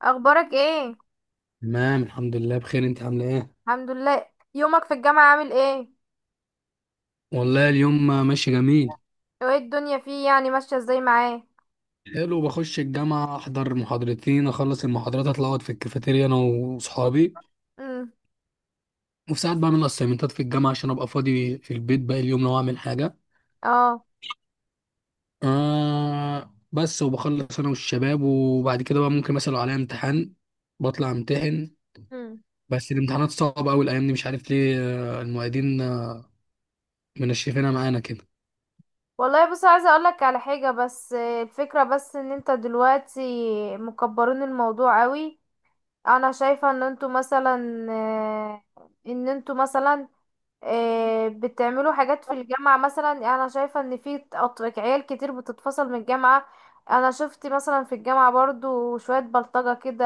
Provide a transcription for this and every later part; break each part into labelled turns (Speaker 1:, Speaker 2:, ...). Speaker 1: اخبارك ايه؟
Speaker 2: تمام، الحمد لله بخير. انت عامله ايه؟
Speaker 1: الحمد لله. يومك في الجامعة عامل ايه؟
Speaker 2: والله اليوم ماشي جميل.
Speaker 1: وايه الدنيا فيه يعني ماشية ازاي معاه؟
Speaker 2: حلو، بخش الجامعه احضر محاضرتين اخلص المحاضرات اطلع اقعد في الكافيتيريا انا واصحابي.
Speaker 1: امم.
Speaker 2: وفي ساعات بعمل اسايمنتات في الجامعه عشان ابقى فاضي في البيت باقي اليوم لو اعمل حاجه.
Speaker 1: اه.
Speaker 2: بس وبخلص انا والشباب، وبعد كده بقى ممكن مثلا لو عليا امتحان بطلع امتحن.
Speaker 1: امم.
Speaker 2: بس الامتحانات صعبه قوي الايام دي، مش عارف ليه، المعيدين، منشفينها معانا كده.
Speaker 1: والله بص، عايزة اقولك على حاجة بس الفكرة بس ان انت دلوقتي مكبرين الموضوع قوي. انا شايفة ان انتوا مثلا ان انتوا مثلا بتعملوا حاجات في الجامعة. مثلا انا شايفة ان في عيال كتير بتتفصل من الجامعة. انا شفت مثلا في الجامعة برضو شوية بلطجة كده،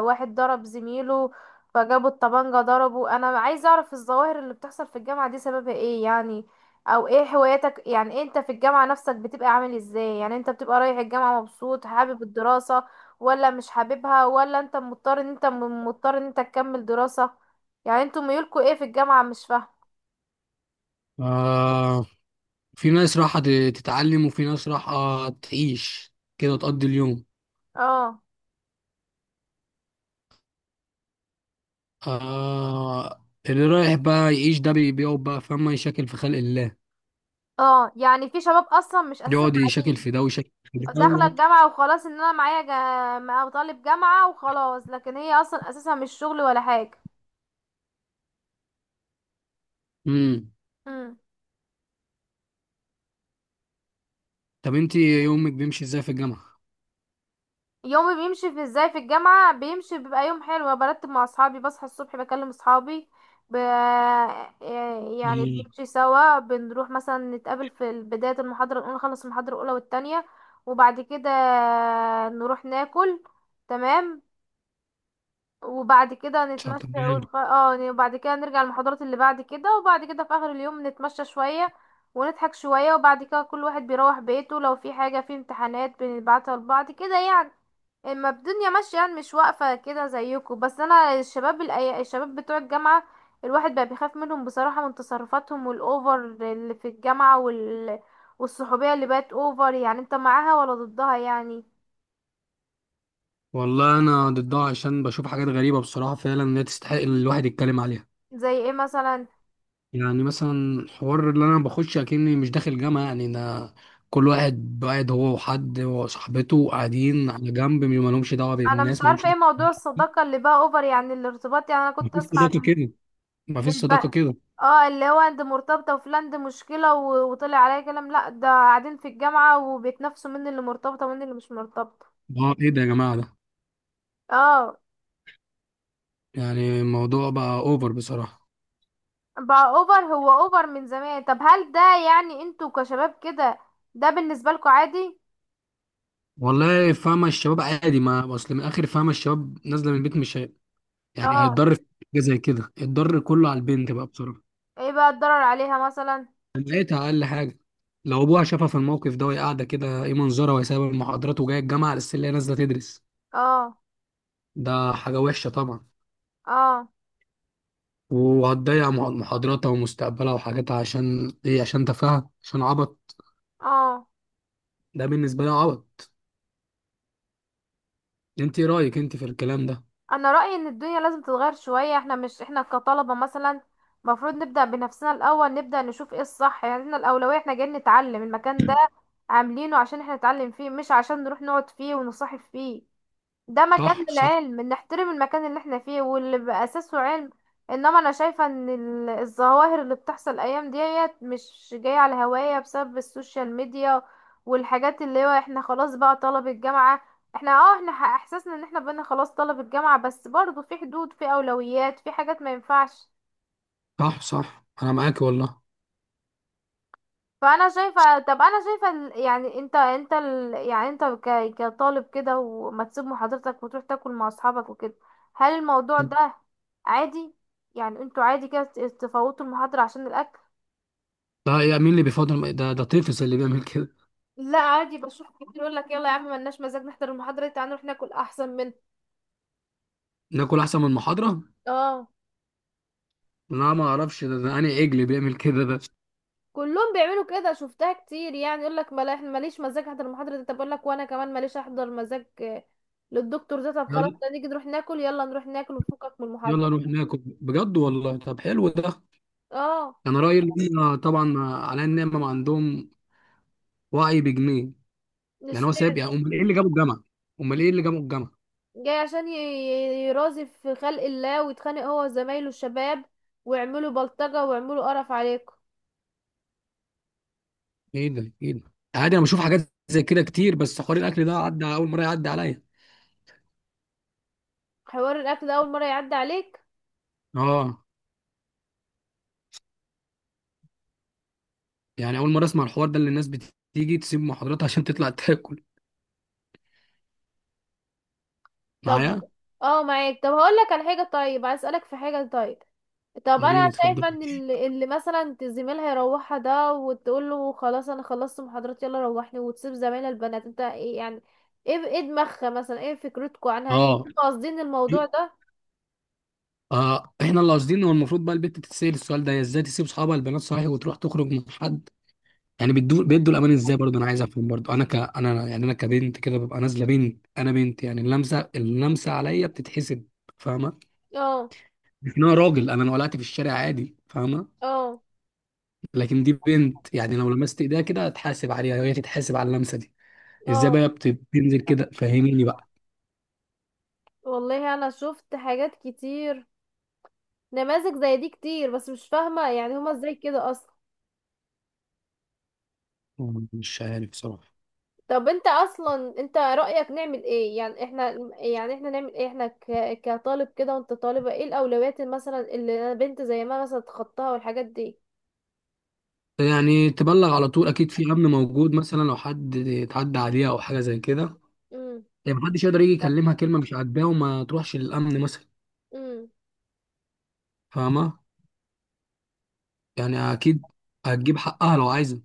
Speaker 1: واحد ضرب زميله فجابوا الطبانجة ضربه. انا عايزة اعرف الظواهر اللي بتحصل في الجامعة دي سببها ايه يعني. او ايه هواياتك يعني، إيه انت في الجامعة نفسك بتبقى عامل ازاي؟ يعني انت بتبقى رايح الجامعة مبسوط، حابب الدراسة ولا مش حاببها، ولا انت مضطر ان انت مضطر ان انت تكمل دراسة؟ يعني انتوا ميولكوا ايه في الجامعة مش فاهمة.
Speaker 2: آه في ناس راحة تتعلم، وفي ناس راحة تعيش كده تقضي اليوم.
Speaker 1: اه.
Speaker 2: اللي رايح بقى يعيش ده بيقعد بقى فما يشكل في خلق الله.
Speaker 1: اه، يعني في شباب اصلا مش اساسا
Speaker 2: يقعد يشكل
Speaker 1: تعليم،
Speaker 2: في ده ويشكل في ده.
Speaker 1: داخلة الجامعة وخلاص، ان انا معايا طالب جامعة وخلاص، لكن هي اصلا اساسا مش شغل ولا حاجة.
Speaker 2: امم.
Speaker 1: مم.
Speaker 2: طب انت يومك بيمشي ازاي في الجامعة؟
Speaker 1: يومي بيمشي في ازاي في الجامعة، بيمشي بيبقى يوم حلو، برتب مع اصحابي، بصحى الصبح بكلم اصحابي، ب... آه، يعني
Speaker 2: امم.
Speaker 1: بنمشي سوا، بنروح مثلا نتقابل في بداية المحاضرة الأولى، نخلص المحاضرة الأولى والتانية وبعد كده نروح ناكل. تمام. وبعد كده نتمشى اه، وبعد كده نرجع المحاضرات اللي بعد كده، وبعد كده في آخر اليوم نتمشى شوية ونضحك شوية، وبعد كده كل واحد بيروح بيته. لو في حاجة في امتحانات بنبعتها لبعض كده يعني. اما الدنيا ماشيه يعني مش واقفه كده زيكم. بس انا الشباب الشباب بتوع الجامعه، الواحد بقى بيخاف منهم بصراحه من تصرفاتهم، والاوفر اللي في الجامعه والصحوبيه اللي بقت اوفر، يعني انت معاها ولا ضدها يعني؟
Speaker 2: والله انا ضدها عشان بشوف حاجات غريبة بصراحة، فعلا لا تستحق الواحد يتكلم عليها.
Speaker 1: زي ايه مثلا؟
Speaker 2: يعني مثلا الحوار اللي انا بخش اكني مش داخل جامعه، يعني انا كل واحد قاعد هو وحد وصاحبته قاعدين على جنب ما لهمش دعوه
Speaker 1: انا مش
Speaker 2: بالناس ما لهمش
Speaker 1: عارفه ايه
Speaker 2: دعوه.
Speaker 1: موضوع الصداقه اللي بقى اوفر، يعني الارتباط. يعني انا كنت
Speaker 2: مفيش
Speaker 1: اسمع
Speaker 2: صداقه
Speaker 1: عن
Speaker 2: كده مفيش
Speaker 1: الب...
Speaker 2: صداقه كده
Speaker 1: اه، اللي هو انت مرتبطه وفلان دي مشكله وطلع عليا كلام، لا ده قاعدين في الجامعه وبيتنافسوا مين اللي مرتبطه ومين اللي مش مرتبطه.
Speaker 2: اه، ايه ده يا جماعه ده،
Speaker 1: اه.
Speaker 2: يعني الموضوع بقى اوفر بصراحه.
Speaker 1: بقى اوفر، هو اوفر من زمان. طب هل ده يعني انتوا كشباب كده ده بالنسبة لكم عادي؟
Speaker 2: والله فاهمه، الشباب عادي ما اصل من الاخر، فاهمه الشباب نازله من البيت مش يعني
Speaker 1: اه.
Speaker 2: هيتضر في حاجه زي كده. الضر كله على البنت بقى بصراحه.
Speaker 1: ايه بقى الضرر عليها مثلا؟
Speaker 2: لقيتها اقل حاجه، لو ابوها شافها في الموقف ده وهي قاعده كده ايه منظرها، وهي سايبه المحاضرات وجايه الجامعه على السلة هي نازله تدرس.
Speaker 1: اه.
Speaker 2: ده حاجه وحشه طبعا.
Speaker 1: اه.
Speaker 2: وهتضيع محاضراتها ومستقبلها وحاجاتها، عشان ايه؟ عشان تفاهه، عشان عبط.
Speaker 1: اه،
Speaker 2: ده بالنسبه لي عبط. انت ايه رايك انت في الكلام ده؟
Speaker 1: انا رأيي ان الدنيا لازم تتغير شوية. احنا مش احنا كطلبة مثلا المفروض نبدأ بنفسنا الاول، نبدأ نشوف ايه الصح. يعني احنا الاولوية احنا جايين نتعلم، المكان ده عاملينه عشان احنا نتعلم فيه مش عشان نروح نقعد فيه ونصاحب فيه. ده مكان
Speaker 2: صح، صح.
Speaker 1: للعلم، نحترم المكان اللي احنا فيه واللي بأساسه علم. انما انا شايفة ان الظواهر اللي بتحصل الايام ديت مش جاية على هواية، بسبب السوشيال ميديا والحاجات اللي هو احنا خلاص بقى طلب الجامعة. احنا احساسنا ان احنا بقينا خلاص طلب الجامعة، بس برضو في حدود في اولويات، في حاجات ما ينفعش.
Speaker 2: صح، صح، انا معاك والله.
Speaker 1: فانا شايفه، طب انا شايفه يعني انت يعني انت كطالب كده، وما تسيب محاضرتك وتروح تاكل مع اصحابك وكده، هل الموضوع ده عادي؟ يعني انتوا عادي كده تفوتوا المحاضره عشان الاكل؟
Speaker 2: ده ايه، مين اللي بيفضل ده طفل اللي بيعمل كده.
Speaker 1: لا عادي، بشوف كتير يقول لك يلا يا عم ملناش مزاج نحضر المحاضرة دي، تعالى نروح ناكل احسن من.
Speaker 2: ناكل احسن من المحاضره؟
Speaker 1: اه.
Speaker 2: لا، ما اعرفش ده انا عجل بيعمل كده ده.
Speaker 1: كلهم بيعملوا كده، شفتها كتير يعني يقول لك ملا احنا ماليش مزاج احضر المحاضرة دي، طب اقول لك وانا كمان ماليش احضر مزاج للدكتور ده، طب خلاص ده نيجي نروح ناكل، يلا نروح ناكل ونفكك من
Speaker 2: يلا نروح
Speaker 1: المحاضرة.
Speaker 2: ناكل بجد والله؟ طب حلو ده.
Speaker 1: اه.
Speaker 2: يعني انا رايي ان هم طبعا على النعمه ما عندهم وعي بجنيه. يعني هو سايب،
Speaker 1: اشمعنى؟
Speaker 2: يعني امال ايه اللي جابه الجامعه؟ امال ايه اللي جابه الجامعه
Speaker 1: جاي عشان يرازي في خلق الله ويتخانق هو وزمايله الشباب، ويعملوا بلطجة ويعملوا قرف عليكم.
Speaker 2: ايه ده، ايه ده؟ عادي، انا بشوف حاجات زي كده كتير، بس حوار الاكل ده عدى اول مره يعدي عليا.
Speaker 1: حوار الاكل ده اول مرة يعدي عليك؟
Speaker 2: اه، يعني اول مره اسمع الحوار ده اللي الناس بتيجي تسيب محاضراتها عشان تطلع تاكل.
Speaker 1: طب.
Speaker 2: معايا.
Speaker 1: اه معاك. طب هقول لك على حاجة، طيب عايز اسألك في حاجة. طيب طب انا
Speaker 2: خليني اتفضل.
Speaker 1: شايفة ان اللي مثلا زميلها يروحها ده وتقول له خلاص انا خلصت محاضرات يلا روحني، وتسيب زمايلها البنات، انت ايه يعني؟ ايه، ايه دماغها مثلا؟ ايه فكرتكم عنها؟
Speaker 2: اه.
Speaker 1: انتوا قاصدين الموضوع ده؟
Speaker 2: احنا اللي قاصدين، هو المفروض بقى البنت تتسأل السؤال ده: هي ازاي تسيب اصحابها البنات صحيح وتروح تخرج مع حد؟ يعني بيدوا الامان ازاي برضه؟ انا عايز افهم برضه انا يعني انا كبنت كده ببقى نازله بنت، انا بنت، يعني اللمسه عليا بتتحسب، فاهمه؟
Speaker 1: اه.
Speaker 2: لكن انا راجل، انا لو قلعت في الشارع عادي، فاهمه؟
Speaker 1: اه.
Speaker 2: لكن دي بنت يعني لو لمست ايديها كده هتحاسب عليها، وهي تتحاسب على اللمسه دي. ازاي
Speaker 1: اه.
Speaker 2: بقى بتنزل كده؟ فهميني بقى.
Speaker 1: والله انا شفت حاجات كتير، نماذج زي دي كتير، بس مش فاهمة يعني هما ازاي كده اصلا.
Speaker 2: مش عارف بصراحة.
Speaker 1: طب انت اصلا، انت رأيك نعمل ايه يعني احنا؟ يعني احنا نعمل ايه؟ احنا كطالب كده وانت طالبة، ايه الاولويات مثلا اللي انا بنت زي ما مثلا تخطاها والحاجات دي؟
Speaker 2: يعني تبلغ على طول، اكيد في امن موجود، مثلا لو حد اتعدى عليها او حاجه زي كده.
Speaker 1: امم.
Speaker 2: يعني محدش يقدر يجي يكلمها كلمه مش عاجباه وما تروحش للامن مثلا،
Speaker 1: امم.
Speaker 2: فاهمه؟ يعني اكيد هتجيب حقها لو عايزه،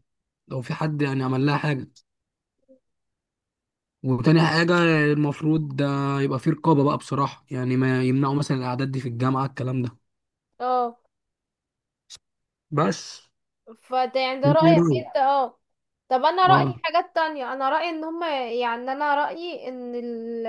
Speaker 2: لو في حد يعني عمل لها حاجه. وتاني حاجه، المفروض ده يبقى في رقابه بقى بصراحه، يعني ما يمنعوا مثلا الاعداد دي في الجامعه الكلام ده
Speaker 1: اه.
Speaker 2: بس.
Speaker 1: فده يعني ده
Speaker 2: انت ايه
Speaker 1: رأيك
Speaker 2: رايك؟
Speaker 1: انت. اه. طب انا رأيي
Speaker 2: اه،
Speaker 1: حاجات تانية، انا رأيي ان هما يعني انا رأيي ان ال...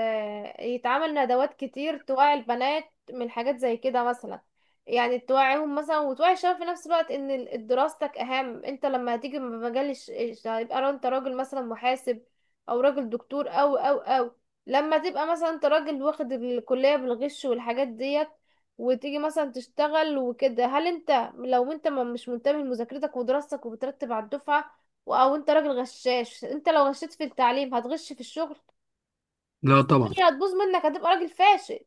Speaker 1: يتعمل ندوات كتير توعي البنات من حاجات زي كده مثلا. يعني توعيهم مثلا، وتوعي الشباب في نفس الوقت ان دراستك اهم. انت لما هتيجي من مجال هيبقى انت راجل مثلا محاسب، او راجل دكتور او، لما تبقى مثلا انت راجل واخد الكلية بالغش والحاجات ديت، وتيجي مثلا تشتغل وكده، هل انت لو انت مش منتبه لمذاكرتك ودراستك وبترتب على الدفعة، او انت راجل غشاش، انت لو غشيت في التعليم هتغش في الشغل.
Speaker 2: لا طبعا.
Speaker 1: الدنيا هتبوظ منك، هتبقى راجل فاشل.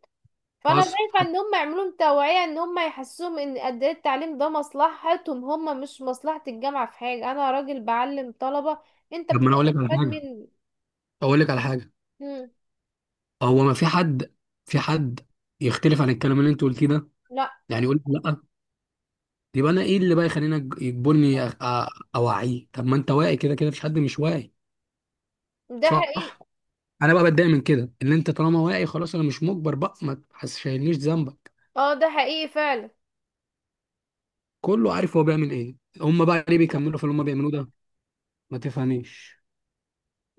Speaker 1: فانا
Speaker 2: حصل
Speaker 1: شايفة
Speaker 2: حصل.
Speaker 1: ان هم يعملوا لهم توعية، ان هم يحسوهم ان قد ايه التعليم ده مصلحتهم هم مش مصلحة الجامعة في حاجة. انا راجل بعلم طلبة، انت
Speaker 2: طب ما
Speaker 1: بتجي
Speaker 2: انا اقول لك على
Speaker 1: تستفاد
Speaker 2: حاجه،
Speaker 1: مني.
Speaker 2: اقول لك على حاجه
Speaker 1: مم.
Speaker 2: هو ما في حد يختلف عن الكلام اللي انت قلتيه ده،
Speaker 1: لا،
Speaker 2: يعني يقول لك لا؟ يبقى انا ايه اللي بقى يخليني يجبرني اوعيه؟ طب ما انت واعي كده كده، مفيش حد مش واعي.
Speaker 1: ده
Speaker 2: صح.
Speaker 1: حقيقي.
Speaker 2: انا بقى بتضايق من كده، ان انت طالما واعي خلاص، انا مش مجبر بقى، ما تحسسنيش ذنبك.
Speaker 1: اه ده حقيقي فعلا.
Speaker 2: كله عارف هو بيعمل ايه، هم بقى ليه بيكملوا في اللي هم بيعملوه ده؟ ما تفهميش.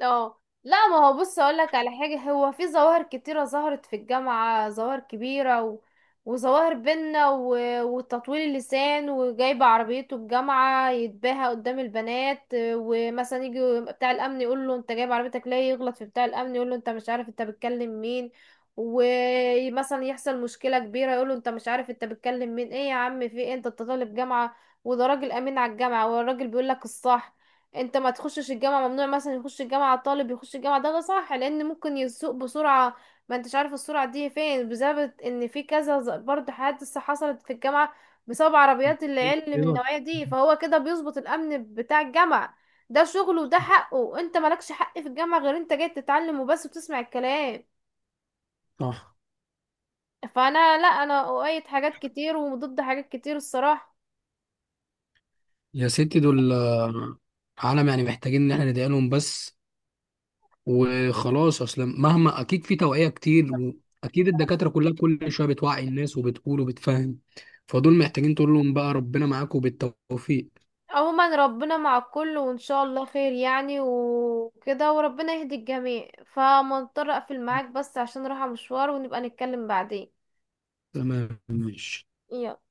Speaker 1: اه لا، ما هو بص اقول لك على حاجه، هو في ظواهر كتيره ظهرت في الجامعه، ظواهر كبيره وظواهر بينا وتطويل اللسان. وجايبه عربيته الجامعه يتباهى قدام البنات، ومثلا يجي بتاع الامن يقول له انت جايب عربيتك ليه، يغلط في بتاع الامن يقول له انت مش عارف انت بتكلم مين، ومثلا يحصل مشكله كبيره يقول له انت مش عارف انت بتكلم مين. ايه يا عم في ايه؟ انت أنت طالب جامعه، وده راجل امين على الجامعه، والراجل بيقول لك الصح. انت ما تخشش الجامعة، ممنوع مثلا يخش الجامعة الطالب يخش الجامعة، ده صح لان ممكن يسوق بسرعة. ما انتش عارف السرعة دي فين، بسبب ان في كذا برضه حادثة حصلت في الجامعة بسبب عربيات العيال اللي من
Speaker 2: ايوه،
Speaker 1: النوعية دي. فهو كده بيظبط الامن بتاع الجامعة، ده شغله وده حقه. انت مالكش حق في الجامعة غير انت جاي تتعلم وبس وتسمع الكلام.
Speaker 2: صح.
Speaker 1: فانا لا، انا اؤيد حاجات كتير وضد حاجات كتير الصراحة.
Speaker 2: يا ستي دول، عالم، يعني محتاجين ان احنا ندعي لهم بس وخلاص. اصلا مهما اكيد في توعية كتير، واكيد الدكاترة كلها كل شوية بتوعي الناس وبتقول وبتفهم، فدول محتاجين تقول لهم بقى ربنا معاكم بالتوفيق.
Speaker 1: عموما ربنا مع الكل وان شاء الله خير يعني وكده، وربنا يهدي الجميع. فمضطر اقفل معاك بس عشان رايحة مشوار، ونبقى نتكلم بعدين.
Speaker 2: تمام، ماشي.
Speaker 1: يلا.